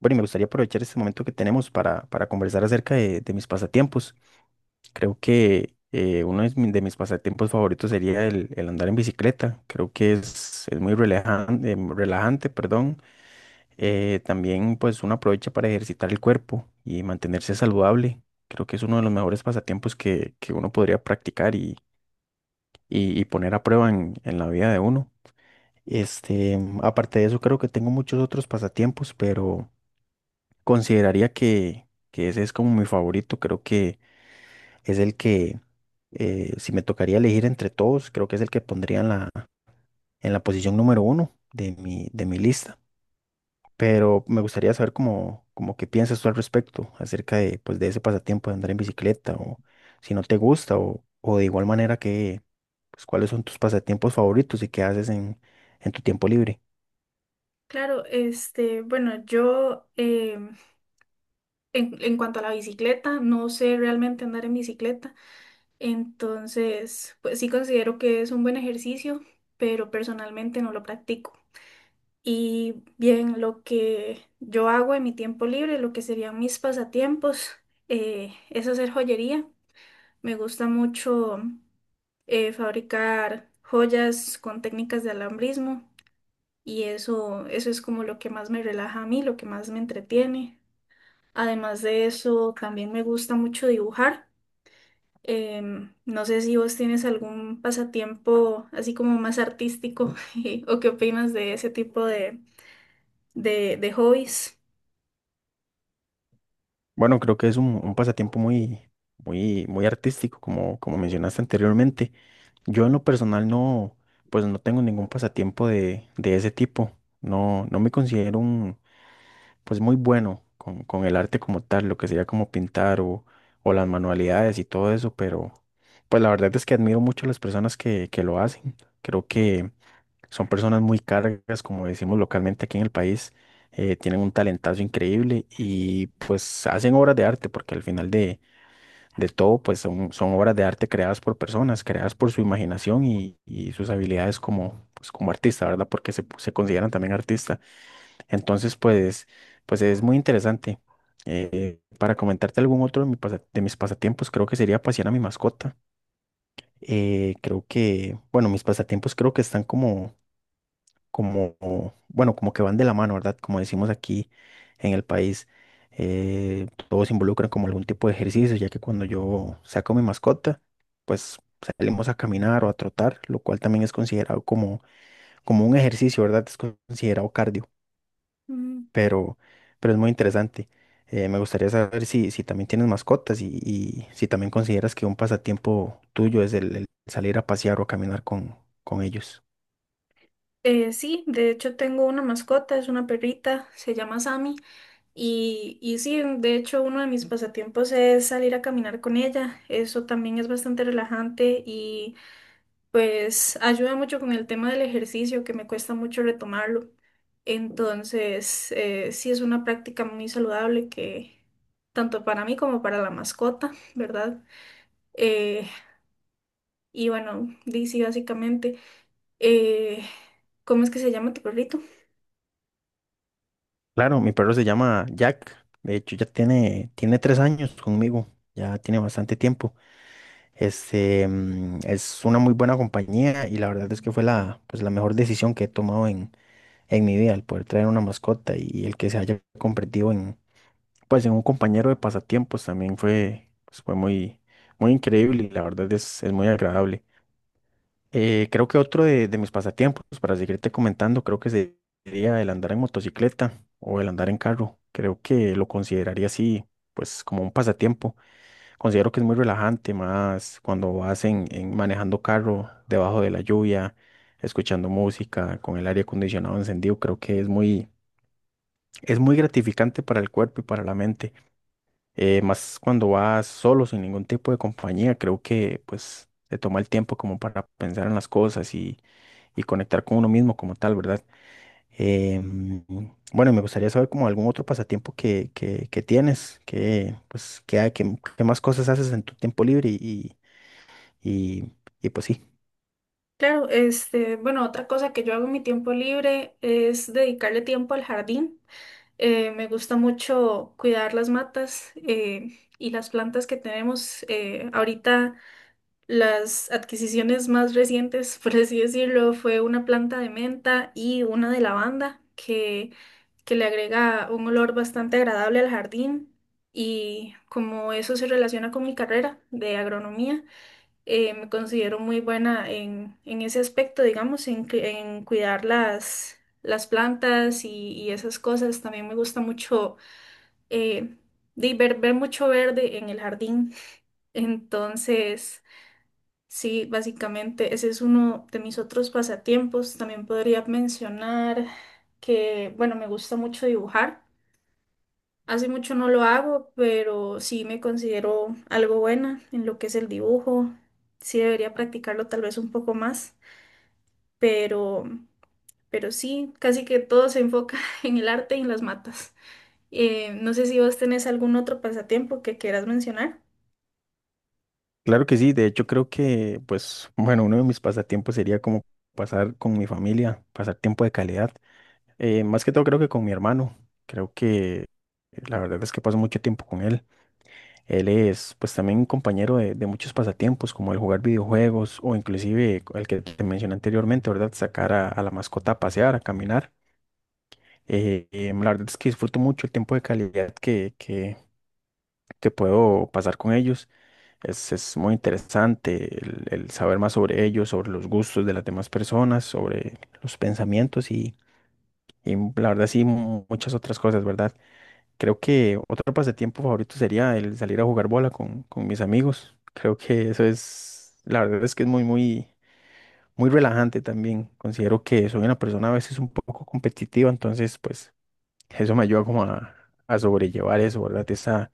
Bueno, y me gustaría aprovechar este momento que tenemos para conversar acerca de mis pasatiempos. Creo que uno de mis pasatiempos favoritos sería el andar en bicicleta. Creo que es muy relajante, relajante, perdón. También, pues, uno aprovecha para ejercitar el cuerpo y mantenerse saludable. Creo que es uno de los mejores pasatiempos que uno podría practicar y, y poner a prueba en la vida de uno. Este, aparte de eso, creo que tengo muchos otros pasatiempos, pero... Consideraría que ese es como mi favorito. Creo que es el que, si me tocaría elegir entre todos, creo que es el que pondría en la posición número uno de mi lista. Pero me gustaría saber cómo, como qué piensas tú al respecto, acerca de, pues, de ese pasatiempo de andar en bicicleta, o si no te gusta, o de igual manera que, pues, cuáles son tus pasatiempos favoritos y qué haces en tu tiempo libre. Claro, este, bueno, yo en cuanto a la bicicleta, no sé realmente andar en bicicleta. Entonces, pues sí considero que es un buen ejercicio, pero personalmente no lo practico. Y bien, lo que yo hago en mi tiempo libre, lo que serían mis pasatiempos, es hacer joyería. Me gusta mucho fabricar joyas con técnicas de alambrismo y eso es como lo que más me relaja a mí, lo que más me entretiene. Además de eso, también me gusta mucho dibujar. No sé si vos tienes algún pasatiempo así como más artístico o qué opinas de ese tipo de hobbies. Bueno, creo que es un pasatiempo muy, muy, muy artístico, como, como mencionaste anteriormente. Yo en lo personal no, pues no tengo ningún pasatiempo de ese tipo. No, no me considero un, pues, muy bueno con el arte como tal, lo que sería como pintar o las manualidades y todo eso, pero pues la verdad es que admiro mucho a las personas que lo hacen. Creo que son personas muy cargas, como decimos localmente aquí en el país. Tienen un talentazo increíble y pues hacen obras de arte, porque al final de todo, pues son, son obras de arte creadas por personas, creadas por su imaginación y sus habilidades como, pues, como artista, ¿verdad? Porque se consideran también artistas. Entonces, pues, pues es muy interesante. Para comentarte algún otro de, de mis pasatiempos, creo que sería pasear a mi mascota. Creo que, bueno, mis pasatiempos creo que están como, bueno, como que van de la mano, ¿verdad? Como decimos aquí en el país, todos involucran como algún tipo de ejercicio, ya que cuando yo saco mi mascota, pues salimos a caminar o a trotar, lo cual también es considerado como, como un ejercicio, ¿verdad? Es considerado cardio, Mm, pero, pero es muy interesante. Me gustaría saber si, si también tienes mascotas y si también consideras que un pasatiempo tuyo es el salir a pasear o a caminar con ellos. Sí, de hecho tengo una mascota, es una perrita, se llama Sammy y sí, de hecho uno de mis pasatiempos es salir a caminar con ella. Eso también es bastante relajante y... Pues ayuda mucho con el tema del ejercicio, que me cuesta mucho retomarlo. Entonces, sí es una práctica muy saludable, que tanto para mí como para la mascota, ¿verdad? Eh, y bueno, di, sí, básicamente, eh, ¿cómo es que se llama tu perrito? Claro, mi perro se llama Jack. De hecho, ya tiene tres años conmigo. Ya tiene bastante tiempo. Este, mm, es una muy buena compañía y la verdad es que fue la, pues, la mejor decisión que he tomado en mi vida, el poder traer una mascota, y el que se haya convertido en, pues, en un compañero de pasatiempos también fue, pues, fue muy, muy increíble, y la verdad es muy agradable. Creo que otro de mis pasatiempos, para seguirte comentando, creo que sería el andar en motocicleta o el andar en carro. Creo que lo consideraría así, pues como un pasatiempo. Considero que es muy relajante, más cuando vas en manejando carro debajo de la lluvia, escuchando música, con el aire acondicionado encendido. Creo que es muy gratificante para el cuerpo y para la mente. Más cuando vas solo, sin ningún tipo de compañía, creo que pues te toma el tiempo como para pensar en las cosas y conectar con uno mismo como tal, ¿verdad? Eh, bueno, me gustaría saber como algún otro pasatiempo que tienes, que, pues, que más cosas haces en tu tiempo libre y, y pues sí. Claro, este, bueno, otra cosa que yo hago en mi tiempo libre es dedicarle tiempo al jardín. Me gusta mucho cuidar las matas, y las plantas que tenemos. Ahorita las adquisiciones más recientes, por así decirlo, fue una planta de menta y una de lavanda que le agrega un olor bastante agradable al jardín. Y como eso se relaciona con mi carrera de agronomía, me considero muy buena en ese aspecto, digamos, en, en cuidar las plantas y esas cosas. También me gusta mucho, eh, de ver, ver mucho verde en el jardín. Entonces... Sí, básicamente ese es uno de mis otros pasatiempos. También podría mencionar que, bueno, me gusta mucho dibujar. Hace mucho no lo hago, pero sí me considero algo buena en lo que es el dibujo. Sí debería practicarlo tal vez un poco más, pero, pero sí, casi que todo se enfoca en el arte y en las matas. No sé si vos tenés algún otro pasatiempo que quieras mencionar. Claro que sí, de hecho creo que, pues, bueno, uno de mis pasatiempos sería como pasar con mi familia, pasar tiempo de calidad. Más que todo creo que con mi hermano. Creo que la verdad es que paso mucho tiempo con él. Él es, pues, también un compañero de muchos pasatiempos, como el jugar videojuegos, o inclusive el que te mencioné anteriormente, ¿verdad? Sacar a la mascota a pasear, a caminar. La verdad es que disfruto mucho el tiempo de calidad que puedo pasar con ellos. Es muy interesante el saber más sobre ellos, sobre los gustos de las demás personas, sobre los pensamientos y la verdad sí muchas otras cosas, ¿verdad? Creo que otro pasatiempo favorito sería el salir a jugar bola con mis amigos. Creo que eso es, la verdad es que es muy, muy, muy relajante también. Considero que soy una persona a veces un poco competitiva, entonces pues eso me ayuda como a sobrellevar eso, ¿verdad? Esa,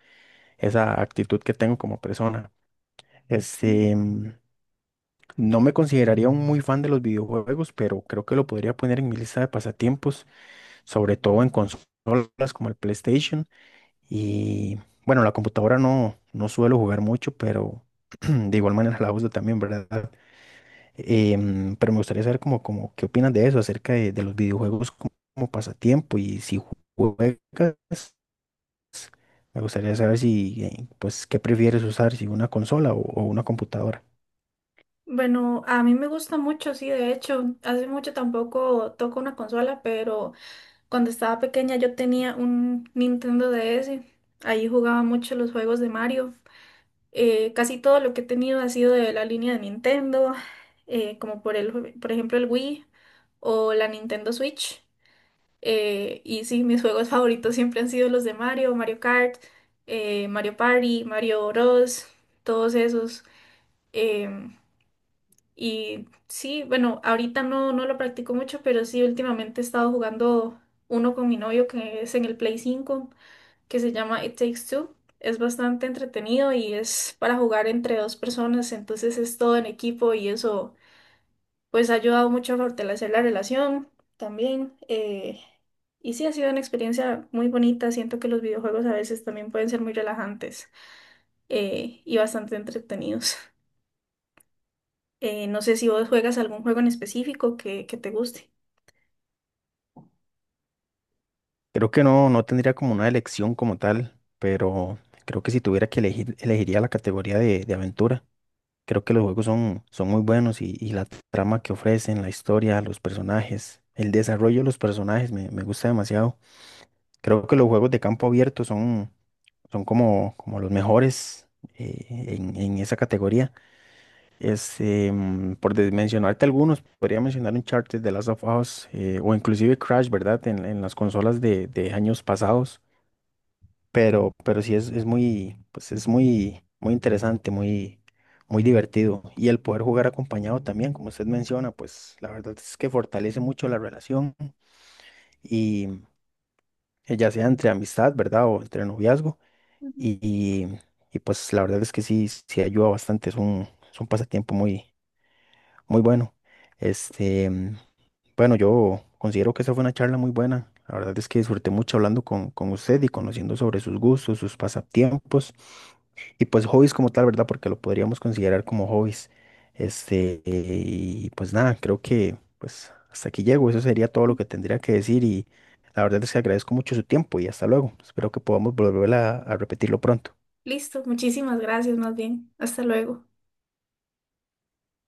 esa actitud que tengo como persona. Este, mm, no me consideraría un muy fan de los videojuegos, pero creo que lo podría poner en mi lista de pasatiempos, sobre todo en consolas como el PlayStation. Y bueno, la computadora no, no suelo jugar mucho, pero de igual manera la uso también, ¿verdad? Pero me gustaría saber como, como qué opinas de eso, acerca de los videojuegos como, como pasatiempo, y si juegas, me gustaría saber si, pues, qué prefieres usar, si una consola o una computadora. Bueno, a mí me gusta mucho. Sí, de hecho, hace mucho tampoco toco una consola, pero cuando estaba pequeña yo tenía un Nintendo DS, ahí jugaba mucho los juegos de Mario. Casi todo lo que he tenido ha sido de la línea de Nintendo, como por el, por ejemplo el Wii o la Nintendo Switch. Y sí, mis juegos favoritos siempre han sido los de Mario, Mario Kart, Mario Party, Mario Bros, todos esos. em, y sí, bueno, ahorita no lo practico mucho, pero sí, últimamente he estado jugando uno con mi novio que es en el Play 5, que se llama It Takes Two. Es bastante entretenido y es para jugar entre dos personas, entonces es todo en equipo, y eso pues ha ayudado mucho a fortalecer la relación también. Eh, y sí, ha sido una experiencia muy bonita. Siento que los videojuegos a veces también pueden ser muy relajantes, y bastante entretenidos. No sé si vos juegas algún juego en específico que te guste. Creo que no, no tendría como una elección como tal, pero creo que si tuviera que elegir, elegiría la categoría de aventura. Creo que los juegos son, son muy buenos, y la trama que ofrecen, la historia, los personajes, el desarrollo de los personajes me, me gusta demasiado. Creo que los juegos de campo abierto son, son como, como los mejores en esa categoría. Por mencionarte algunos, podría mencionar Uncharted, The Last of Us, o inclusive Crash, ¿verdad? En las consolas de años pasados. Pero sí es muy, pues es muy, muy interesante, muy, muy divertido. Y el poder jugar acompañado también, como usted menciona, pues la verdad es que fortalece mucho la relación. Y ya sea entre amistad, ¿verdad? O entre noviazgo. Ujú. Y, y, y, pues la verdad es que sí, sí ayuda bastante. Es un, es un pasatiempo muy, muy bueno. Este, bueno, yo considero que esa fue una charla muy buena. La verdad es que disfruté mucho hablando con usted, y conociendo sobre sus gustos, sus pasatiempos y, pues, hobbies como tal, ¿verdad? Porque lo podríamos considerar como hobbies. Este, y pues nada, creo que pues hasta aquí llego. Eso sería todo lo que tendría que decir, y la verdad es que agradezco mucho su tiempo, y hasta luego. Espero que podamos volver a repetirlo pronto. Listo, muchísimas gracias más bien. Hasta luego.